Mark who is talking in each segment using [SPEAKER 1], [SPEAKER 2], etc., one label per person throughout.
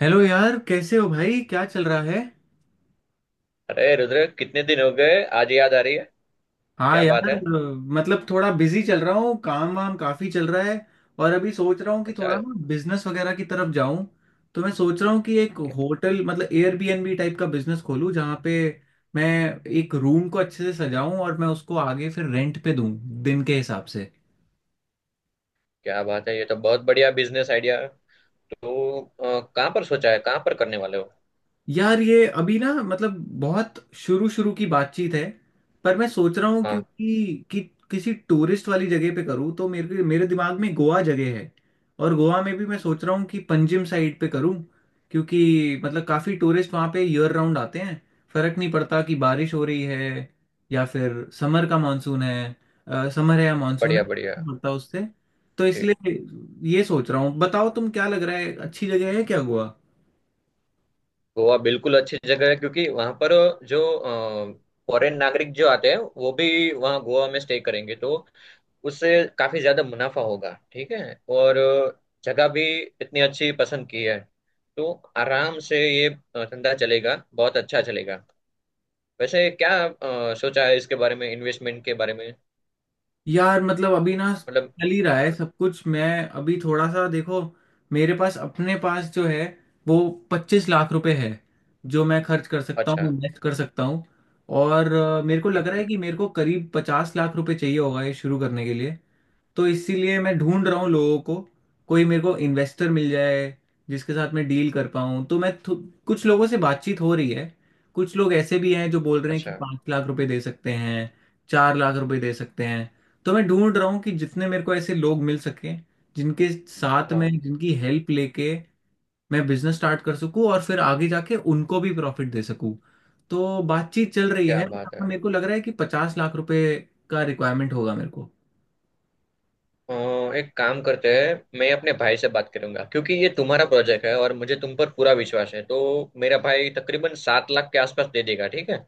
[SPEAKER 1] Hello यार, कैसे हो भाई? क्या चल रहा है?
[SPEAKER 2] अरे रुद्र, कितने दिन हो गए, आज याद आ रही है।
[SPEAKER 1] हाँ
[SPEAKER 2] क्या बात
[SPEAKER 1] यार,
[SPEAKER 2] है।
[SPEAKER 1] मतलब थोड़ा बिजी चल रहा हूँ। काम वाम काफी चल रहा है। और अभी सोच रहा हूँ कि
[SPEAKER 2] अच्छा।
[SPEAKER 1] थोड़ा ना बिजनेस वगैरह की तरफ जाऊँ। तो मैं सोच रहा हूँ कि एक
[SPEAKER 2] क्या,
[SPEAKER 1] होटल मतलब एयरबीएनबी टाइप का बिजनेस खोलूँ, जहाँ पे मैं एक रूम को अच्छे से सजाऊँ और मैं उसको आगे फिर रेंट पे दूँ, दिन के हिसाब से।
[SPEAKER 2] क्या बात है, ये तो बहुत बढ़िया बिजनेस आइडिया है। तो कहाँ पर सोचा है, कहाँ पर करने वाले हो?
[SPEAKER 1] यार, ये अभी ना मतलब बहुत शुरू शुरू की बातचीत है। पर मैं सोच रहा हूँ
[SPEAKER 2] हाँ।
[SPEAKER 1] क्योंकि किसी टूरिस्ट वाली जगह पे करूँ, तो मेरे मेरे दिमाग में गोवा जगह है। और गोवा में भी मैं सोच रहा हूँ कि पंजिम साइड पे करूँ, क्योंकि मतलब काफ़ी टूरिस्ट वहाँ पे ईयर राउंड आते हैं। फर्क नहीं पड़ता कि बारिश हो रही है या फिर समर का मानसून है। समर है या मानसून है,
[SPEAKER 2] बढ़िया बढ़िया।
[SPEAKER 1] नहीं पड़ता उससे। तो
[SPEAKER 2] जी।
[SPEAKER 1] इसलिए ये सोच रहा हूँ। बताओ तुम, क्या लग रहा है? अच्छी जगह है क्या गोवा?
[SPEAKER 2] गोवा बिल्कुल अच्छी जगह है, क्योंकि वहाँ पर जो फॉरेन नागरिक जो आते हैं वो भी वहाँ गोवा में स्टे करेंगे, तो उससे काफी ज्यादा मुनाफा होगा। ठीक है। और जगह भी इतनी अच्छी पसंद की है, तो आराम से ये धंधा चलेगा, बहुत अच्छा चलेगा। वैसे क्या सोचा है इसके बारे में, इन्वेस्टमेंट के बारे में?
[SPEAKER 1] यार मतलब अभी ना
[SPEAKER 2] मतलब।
[SPEAKER 1] चल ही रहा
[SPEAKER 2] हाँ।
[SPEAKER 1] है सब कुछ। मैं अभी थोड़ा सा, देखो, मेरे पास अपने पास जो है वो 25 लाख रुपए है, जो मैं खर्च कर सकता हूँ,
[SPEAKER 2] अच्छा।
[SPEAKER 1] इन्वेस्ट कर सकता हूँ। और मेरे को लग
[SPEAKER 2] ठीक
[SPEAKER 1] रहा
[SPEAKER 2] है।
[SPEAKER 1] है कि मेरे को करीब 50 लाख रुपए चाहिए होगा ये शुरू करने के लिए। तो इसीलिए मैं ढूंढ रहा हूँ लोगों को, कोई मेरे को इन्वेस्टर मिल जाए जिसके साथ मैं डील कर पाऊँ। तो कुछ लोगों से बातचीत हो रही है। कुछ लोग ऐसे भी हैं जो बोल रहे हैं कि
[SPEAKER 2] अच्छा।
[SPEAKER 1] 5 लाख रुपए दे सकते हैं, 4 लाख रुपए दे सकते हैं। तो मैं ढूंढ रहा हूँ कि जितने मेरे को ऐसे लोग मिल सके, जिनके साथ में
[SPEAKER 2] हाँ।
[SPEAKER 1] जिनकी हेल्प लेके मैं बिजनेस स्टार्ट कर सकूँ और फिर आगे जाके उनको भी प्रॉफिट दे सकूँ। तो बातचीत चल रही
[SPEAKER 2] क्या
[SPEAKER 1] है।
[SPEAKER 2] बात है।
[SPEAKER 1] मेरे को लग रहा है कि 50 लाख रुपए का रिक्वायरमेंट होगा मेरे
[SPEAKER 2] अ, एक काम करते हैं, मैं अपने भाई से बात करूंगा क्योंकि ये तुम्हारा प्रोजेक्ट है और मुझे तुम पर पूरा विश्वास है। तो मेरा भाई तकरीबन 7 लाख के आसपास दे देगा, ठीक है।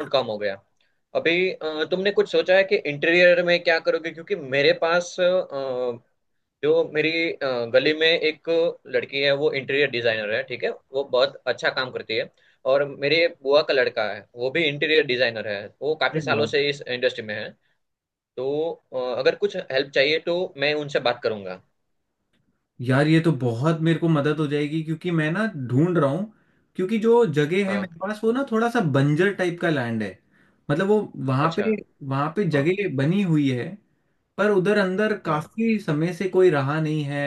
[SPEAKER 2] और कम हो गया। अभी तुमने कुछ सोचा है कि इंटीरियर में क्या करोगे? क्योंकि मेरे पास, जो मेरी गली में एक लड़की है, वो इंटीरियर डिजाइनर है, ठीक है, वो बहुत अच्छा काम करती है। और मेरे बुआ का लड़का है, वो भी इंटीरियर डिजाइनर है, वो काफी
[SPEAKER 1] को।
[SPEAKER 2] सालों से इस इंडस्ट्री में है। तो अगर कुछ हेल्प चाहिए तो मैं उनसे बात करूंगा।
[SPEAKER 1] यार ये तो बहुत मेरे को मदद हो जाएगी, क्योंकि मैं ना ढूंढ रहा हूँ। क्योंकि जो जगह है
[SPEAKER 2] हाँ।
[SPEAKER 1] मेरे पास, वो ना थोड़ा सा बंजर टाइप का लैंड है। मतलब वो वहां
[SPEAKER 2] अच्छा।
[SPEAKER 1] पे वहां पे
[SPEAKER 2] हाँ
[SPEAKER 1] जगह बनी हुई है, पर उधर अंदर
[SPEAKER 2] हाँ।
[SPEAKER 1] काफी समय से कोई रहा नहीं है।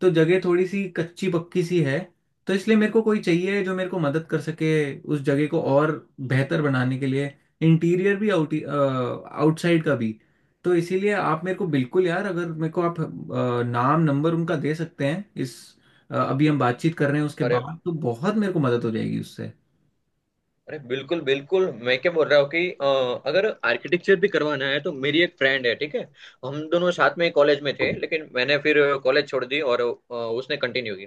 [SPEAKER 1] तो जगह थोड़ी सी कच्ची पक्की सी है। तो इसलिए मेरे को कोई चाहिए जो मेरे को मदद कर सके उस जगह को और बेहतर बनाने के लिए। इंटीरियर भी, आउटसाइड का भी। तो इसीलिए आप मेरे को बिल्कुल, यार, अगर मेरे को आप नाम नंबर उनका दे सकते हैं, इस अभी हम बातचीत कर रहे हैं उसके
[SPEAKER 2] अरे
[SPEAKER 1] बाद, तो बहुत मेरे को मदद हो जाएगी उससे।
[SPEAKER 2] अरे, बिल्कुल बिल्कुल। मैं क्या बोल रहा हूँ कि अगर आर्किटेक्चर भी करवाना है, तो मेरी एक फ्रेंड है, ठीक है। हम दोनों साथ में कॉलेज में थे, लेकिन मैंने फिर कॉलेज छोड़ दी और उसने कंटिन्यू की।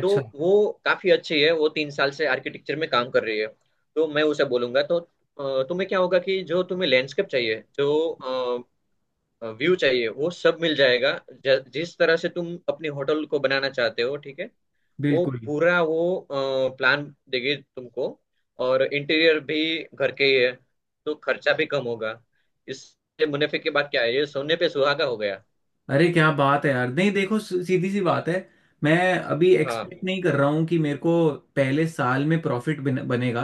[SPEAKER 2] तो वो काफी अच्छी है, वो 3 साल से आर्किटेक्चर में काम कर रही है। तो मैं उसे बोलूंगा। तो तुम्हें क्या होगा कि जो तुम्हें लैंडस्केप चाहिए, जो व्यू चाहिए, वो सब मिल जाएगा। जिस तरह से तुम अपनी होटल को बनाना चाहते हो, ठीक है, वो
[SPEAKER 1] बिल्कुल।
[SPEAKER 2] पूरा वो प्लान देगी तुमको। और इंटीरियर भी घर के ही है, तो खर्चा भी कम होगा। इससे मुनाफे की बात क्या है, ये सोने पे सुहागा हो गया।
[SPEAKER 1] अरे क्या बात है यार, नहीं, देखो, सीधी सी बात है, मैं अभी
[SPEAKER 2] हाँ।
[SPEAKER 1] एक्सपेक्ट नहीं कर रहा हूँ कि मेरे को पहले साल में प्रॉफिट बनेगा।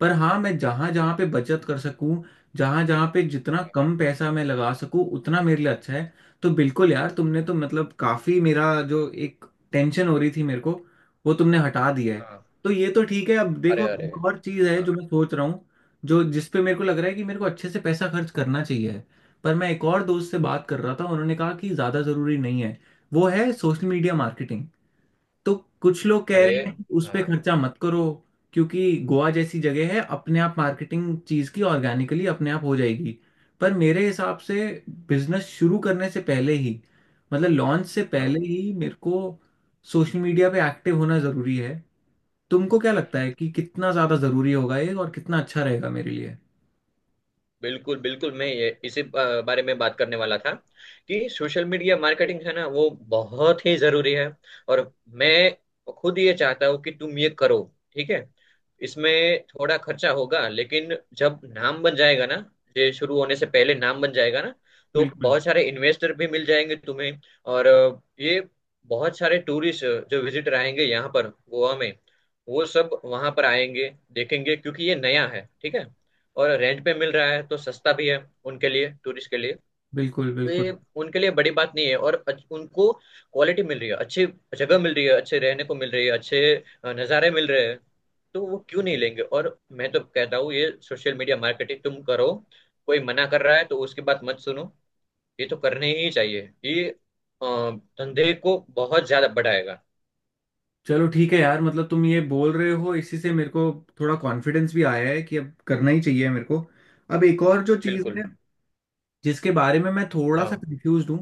[SPEAKER 1] पर हाँ, मैं जहाँ जहाँ पे बचत कर सकूँ, जहाँ जहाँ पे जितना कम पैसा मैं लगा सकूँ, उतना मेरे लिए अच्छा है। तो बिल्कुल यार, तुमने तो मतलब काफ़ी मेरा जो एक टेंशन हो रही थी मेरे को, वो तुमने हटा दिया है।
[SPEAKER 2] हाँ।
[SPEAKER 1] तो ये तो ठीक है। अब
[SPEAKER 2] अरे
[SPEAKER 1] देखो,
[SPEAKER 2] अरे।
[SPEAKER 1] एक और चीज़ है
[SPEAKER 2] हाँ।
[SPEAKER 1] जो मैं सोच रहा हूँ, जो जिस पे मेरे को लग रहा है कि मेरे को अच्छे से पैसा खर्च करना चाहिए, पर मैं एक और दोस्त से बात कर रहा था उन्होंने कहा कि ज़्यादा ज़रूरी नहीं है। वो है सोशल मीडिया मार्केटिंग। तो कुछ लोग कह
[SPEAKER 2] अरे।
[SPEAKER 1] रहे हैं कि उस पर
[SPEAKER 2] हाँ
[SPEAKER 1] खर्चा मत करो, क्योंकि गोवा जैसी जगह है, अपने आप मार्केटिंग चीज़ की ऑर्गेनिकली अपने आप हो जाएगी। पर मेरे हिसाब से बिजनेस शुरू करने से पहले ही, मतलब लॉन्च से
[SPEAKER 2] हाँ।
[SPEAKER 1] पहले ही मेरे को सोशल मीडिया पे एक्टिव होना ज़रूरी है। तुमको क्या लगता है, कि कितना ज़्यादा ज़रूरी होगा ये और कितना अच्छा रहेगा मेरे लिए?
[SPEAKER 2] बिल्कुल बिल्कुल, मैं ये इसी बारे में बात करने वाला था कि सोशल मीडिया मार्केटिंग है ना, वो बहुत ही जरूरी है। और मैं खुद ये चाहता हूँ कि तुम ये करो, ठीक है। इसमें थोड़ा खर्चा होगा, लेकिन जब नाम बन जाएगा ना, ये शुरू होने से पहले नाम बन जाएगा ना, तो
[SPEAKER 1] बिल्कुल,
[SPEAKER 2] बहुत सारे इन्वेस्टर भी मिल जाएंगे तुम्हें। और ये बहुत सारे टूरिस्ट, जो विजिटर आएंगे यहाँ पर गोवा में, वो सब वहां पर आएंगे, देखेंगे, क्योंकि ये नया है, ठीक है। और रेंट पे मिल रहा है, तो सस्ता भी है उनके लिए, टूरिस्ट के लिए।
[SPEAKER 1] बिल्कुल,
[SPEAKER 2] तो
[SPEAKER 1] बिल्कुल।
[SPEAKER 2] ये उनके लिए बड़ी बात नहीं है। और उनको क्वालिटी मिल रही है अच्छी, जगह मिल रही है अच्छे रहने को, मिल रही है अच्छे नज़ारे मिल रहे हैं, तो वो क्यों नहीं लेंगे? और मैं तो कहता हूँ ये सोशल मीडिया मार्केटिंग तुम करो। कोई मना कर रहा है तो उसकी बात मत सुनो। ये तो करने ही चाहिए, ये अ, धंधे को बहुत ज्यादा बढ़ाएगा।
[SPEAKER 1] चलो ठीक है यार, मतलब तुम ये बोल रहे हो इसी से मेरे को थोड़ा कॉन्फिडेंस भी आया है कि अब करना ही चाहिए मेरे को। अब एक और जो चीज़
[SPEAKER 2] बिल्कुल।
[SPEAKER 1] है, जिसके बारे में मैं थोड़ा सा
[SPEAKER 2] हाँ।
[SPEAKER 1] कंफ्यूज हूँ,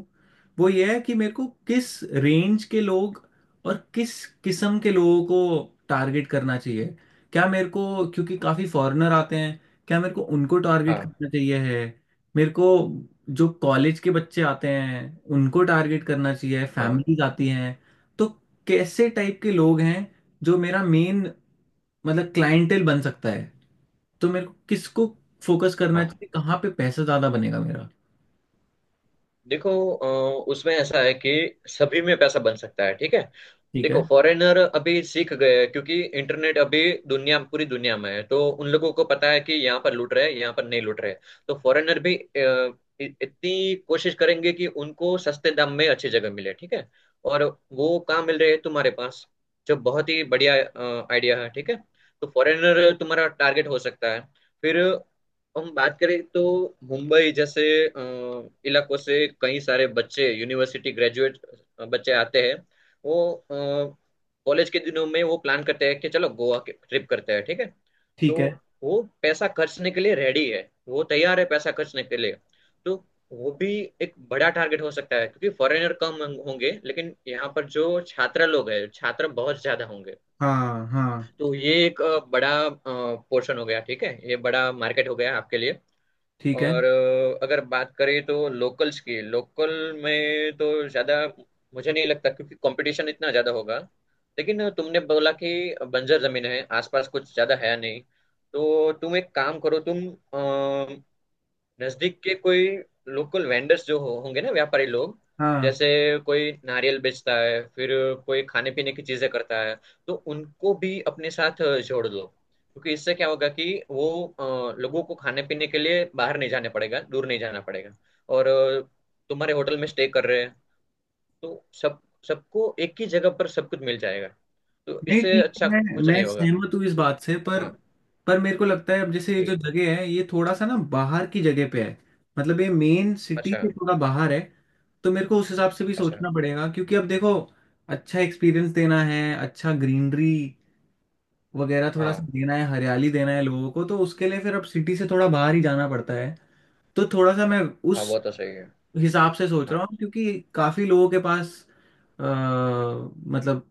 [SPEAKER 1] वो ये है कि मेरे को किस रेंज के लोग और किस किस्म के लोगों को टारगेट करना चाहिए। क्या मेरे को, क्योंकि काफ़ी फॉरेनर आते हैं, क्या मेरे को उनको टारगेट
[SPEAKER 2] हाँ।
[SPEAKER 1] करना चाहिए है मेरे को? जो कॉलेज के बच्चे आते हैं उनको टारगेट करना चाहिए?
[SPEAKER 2] हाँ।
[SPEAKER 1] फैमिलीज आती हैं? तो कैसे टाइप के लोग हैं जो मेरा मेन मतलब क्लाइंटेल बन सकता है? तो मेरे को किसको फोकस करना
[SPEAKER 2] हाँ,
[SPEAKER 1] चाहिए? कहाँ पे पैसा ज़्यादा बनेगा मेरा?
[SPEAKER 2] देखो, उसमें ऐसा है कि सभी में पैसा बन सकता है, ठीक है।
[SPEAKER 1] ठीक है।
[SPEAKER 2] देखो, फॉरेनर अभी सीख गए हैं क्योंकि इंटरनेट अभी दुनिया, पूरी दुनिया में है, तो उन लोगों को पता है कि यहाँ पर लूट रहे हैं, यहाँ पर नहीं लूट रहे हैं। तो फॉरेनर भी इतनी कोशिश करेंगे कि उनको सस्ते दाम में अच्छी जगह मिले, ठीक है। और वो कहाँ मिल रहे हैं? तुम्हारे पास, जो बहुत ही बढ़िया आइडिया है, ठीक है। तो फॉरेनर तुम्हारा टारगेट हो सकता है। फिर हम बात करें तो मुंबई जैसे इलाकों से कई सारे बच्चे, यूनिवर्सिटी ग्रेजुएट बच्चे आते हैं। वो कॉलेज के दिनों में, वो प्लान करते हैं कि चलो गोवा के ट्रिप करते हैं, ठीक है। तो
[SPEAKER 1] ठीक है।
[SPEAKER 2] वो पैसा खर्चने के लिए रेडी है, वो तैयार है पैसा खर्चने के लिए। तो वो भी एक बड़ा टारगेट हो सकता है क्योंकि फॉरेनर कम होंगे, लेकिन यहाँ पर जो छात्र लोग हैं, छात्र बहुत ज्यादा होंगे।
[SPEAKER 1] हाँ हाँ।
[SPEAKER 2] तो ये एक बड़ा पोर्शन हो गया, ठीक है, ये बड़ा मार्केट हो गया आपके लिए।
[SPEAKER 1] ठीक है।
[SPEAKER 2] और अगर बात करें तो लोकल्स की, लोकल में तो ज़्यादा मुझे नहीं लगता क्योंकि कंपटीशन इतना ज़्यादा होगा। लेकिन तुमने बोला कि बंजर ज़मीन है, आसपास कुछ ज़्यादा है नहीं, तो तुम एक काम करो, तुम नजदीक के कोई लोकल वेंडर्स जो होंगे ना, व्यापारी लोग,
[SPEAKER 1] हाँ,
[SPEAKER 2] जैसे कोई नारियल बेचता है, फिर कोई खाने पीने की चीजें करता है, तो उनको भी अपने साथ जोड़ लो। क्योंकि इससे क्या होगा कि वो लोगों को खाने पीने के लिए बाहर नहीं जाने पड़ेगा, दूर नहीं जाना पड़ेगा। और तुम्हारे होटल में स्टे कर रहे हैं, तो सब, सबको एक ही जगह पर सब कुछ मिल जाएगा। तो
[SPEAKER 1] नहीं
[SPEAKER 2] इससे
[SPEAKER 1] ठीक है।
[SPEAKER 2] अच्छा
[SPEAKER 1] मैं
[SPEAKER 2] कुछ
[SPEAKER 1] मैं
[SPEAKER 2] नहीं होगा।
[SPEAKER 1] सहमत हूँ इस बात से,
[SPEAKER 2] हाँ।
[SPEAKER 1] पर मेरे को लगता है, अब जैसे ये जो
[SPEAKER 2] ठीक।
[SPEAKER 1] जगह है ये थोड़ा सा ना बाहर की जगह पे है। मतलब ये मेन सिटी से
[SPEAKER 2] अच्छा।
[SPEAKER 1] थोड़ा बाहर है। तो मेरे को उस हिसाब से भी
[SPEAKER 2] अच्छा।
[SPEAKER 1] सोचना पड़ेगा, क्योंकि अब देखो अच्छा एक्सपीरियंस देना है, अच्छा ग्रीनरी वगैरह थोड़ा सा
[SPEAKER 2] हाँ।
[SPEAKER 1] देना है, हरियाली देना है लोगों को, तो उसके लिए फिर अब सिटी से थोड़ा बाहर ही जाना पड़ता है। तो थोड़ा सा मैं
[SPEAKER 2] हाँ,
[SPEAKER 1] उस
[SPEAKER 2] वो तो सही है।
[SPEAKER 1] हिसाब से सोच रहा
[SPEAKER 2] हाँ।
[SPEAKER 1] हूँ। क्योंकि काफी लोगों के पास अ, मतलब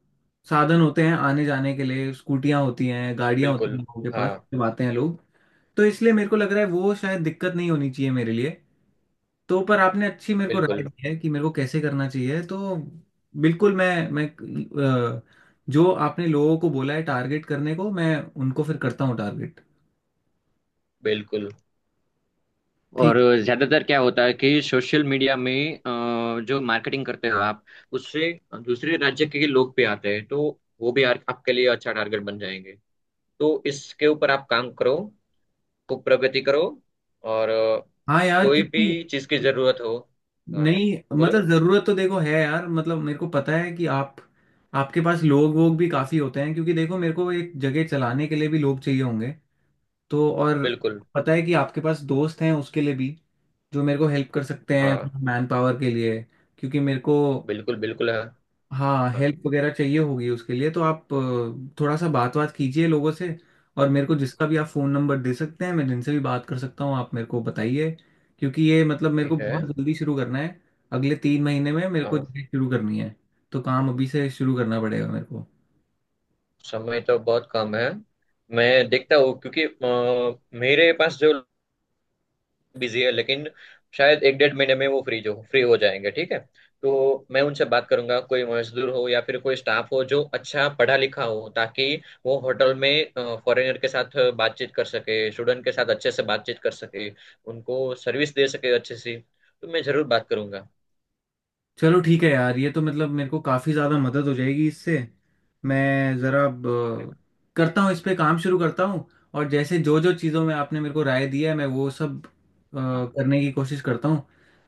[SPEAKER 1] साधन होते हैं आने जाने के लिए, स्कूटियां होती हैं गाड़ियां होती हैं
[SPEAKER 2] बिल्कुल।
[SPEAKER 1] लोगों के पास,
[SPEAKER 2] हाँ।
[SPEAKER 1] चलाते हैं लोग। तो इसलिए मेरे को लग रहा है वो शायद दिक्कत नहीं होनी चाहिए मेरे लिए। तो पर आपने अच्छी मेरे को राय
[SPEAKER 2] बिल्कुल
[SPEAKER 1] दी है कि मेरे को कैसे करना चाहिए, तो बिल्कुल मैं अ, जो आपने लोगों को बोला है टारगेट करने को, मैं उनको फिर करता हूँ टारगेट।
[SPEAKER 2] बिल्कुल। और
[SPEAKER 1] ठीक।
[SPEAKER 2] ज्यादातर क्या होता है कि सोशल मीडिया में जो मार्केटिंग करते हो आप, उससे दूसरे राज्य के लोग भी आते हैं, तो वो भी आपके लिए अच्छा टारगेट बन जाएंगे। तो इसके ऊपर आप काम करो, खूब प्रगति करो। और
[SPEAKER 1] हाँ यार,
[SPEAKER 2] कोई
[SPEAKER 1] क्योंकि
[SPEAKER 2] भी चीज की जरूरत हो। हाँ।
[SPEAKER 1] नहीं,
[SPEAKER 2] बोलो।
[SPEAKER 1] मतलब जरूरत तो देखो है यार, मतलब मेरे को पता है कि आप, आपके पास लोग वोग भी काफी होते हैं। क्योंकि देखो मेरे को एक जगह चलाने के लिए भी लोग चाहिए होंगे, तो और
[SPEAKER 2] बिल्कुल।
[SPEAKER 1] पता है कि आपके पास दोस्त हैं उसके लिए भी, जो मेरे को हेल्प कर सकते हैं
[SPEAKER 2] हाँ,
[SPEAKER 1] मैन पावर के लिए। क्योंकि मेरे को
[SPEAKER 2] बिल्कुल बिल्कुल है।
[SPEAKER 1] हाँ
[SPEAKER 2] हाँ।
[SPEAKER 1] हेल्प वगैरह चाहिए होगी उसके लिए, तो आप थोड़ा सा बात बात कीजिए लोगों से। और मेरे को जिसका भी आप फ़ोन नंबर दे सकते हैं, मैं जिनसे भी बात कर सकता हूँ, आप मेरे को बताइए। क्योंकि ये मतलब मेरे को
[SPEAKER 2] ठीक है।
[SPEAKER 1] बहुत जल्दी शुरू करना है। अगले 3 महीने में मेरे को
[SPEAKER 2] हाँ,
[SPEAKER 1] जॉब शुरू करनी है। तो काम अभी से शुरू करना पड़ेगा मेरे को।
[SPEAKER 2] समय तो बहुत कम है। मैं देखता हूँ क्योंकि मेरे पास जो बिजी है, लेकिन शायद एक 1.5 महीने में वो फ्री जो फ्री हो जाएंगे, ठीक है। तो मैं उनसे बात करूंगा, कोई मजदूर हो या फिर कोई स्टाफ हो जो अच्छा पढ़ा लिखा हो, ताकि वो होटल में फॉरेनर के साथ बातचीत कर सके, स्टूडेंट के साथ अच्छे से बातचीत कर सके, उनको सर्विस दे सके अच्छे से। तो मैं जरूर बात करूंगा।
[SPEAKER 1] चलो ठीक है यार, ये तो मतलब मेरे को काफ़ी ज़्यादा मदद हो जाएगी इससे। मैं ज़रा अब,
[SPEAKER 2] अरे।
[SPEAKER 1] अ, करता हूँ, इस पे काम शुरू करता हूँ। और जैसे जो जो चीज़ों में आपने मेरे को राय दिया है, मैं वो सब
[SPEAKER 2] हाँ।
[SPEAKER 1] करने की कोशिश करता हूँ।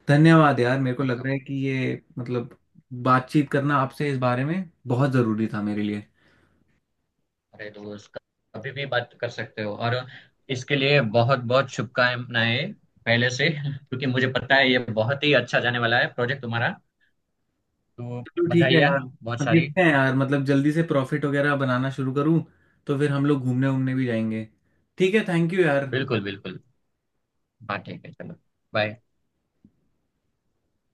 [SPEAKER 1] धन्यवाद यार, मेरे को लग
[SPEAKER 2] पक्का।
[SPEAKER 1] रहा है कि ये मतलब बातचीत करना आपसे इस बारे में बहुत ज़रूरी था मेरे लिए।
[SPEAKER 2] अरे दोस्त, कभी भी बात कर सकते हो। और इसके लिए बहुत बहुत शुभकामनाएं पहले से क्योंकि मुझे पता है ये बहुत ही अच्छा जाने वाला है प्रोजेक्ट तुम्हारा। तो
[SPEAKER 1] चलो ठीक
[SPEAKER 2] बधाई
[SPEAKER 1] है
[SPEAKER 2] है।
[SPEAKER 1] यार,
[SPEAKER 2] बहुत
[SPEAKER 1] अब
[SPEAKER 2] सारी।
[SPEAKER 1] देखते हैं यार, मतलब जल्दी से प्रॉफिट वगैरह बनाना शुरू करूँ, तो फिर हम लोग घूमने वूमने भी जाएंगे। ठीक है, थैंक यू यार।
[SPEAKER 2] बिल्कुल बिल्कुल। हाँ, ठीक है, चलो। बाय।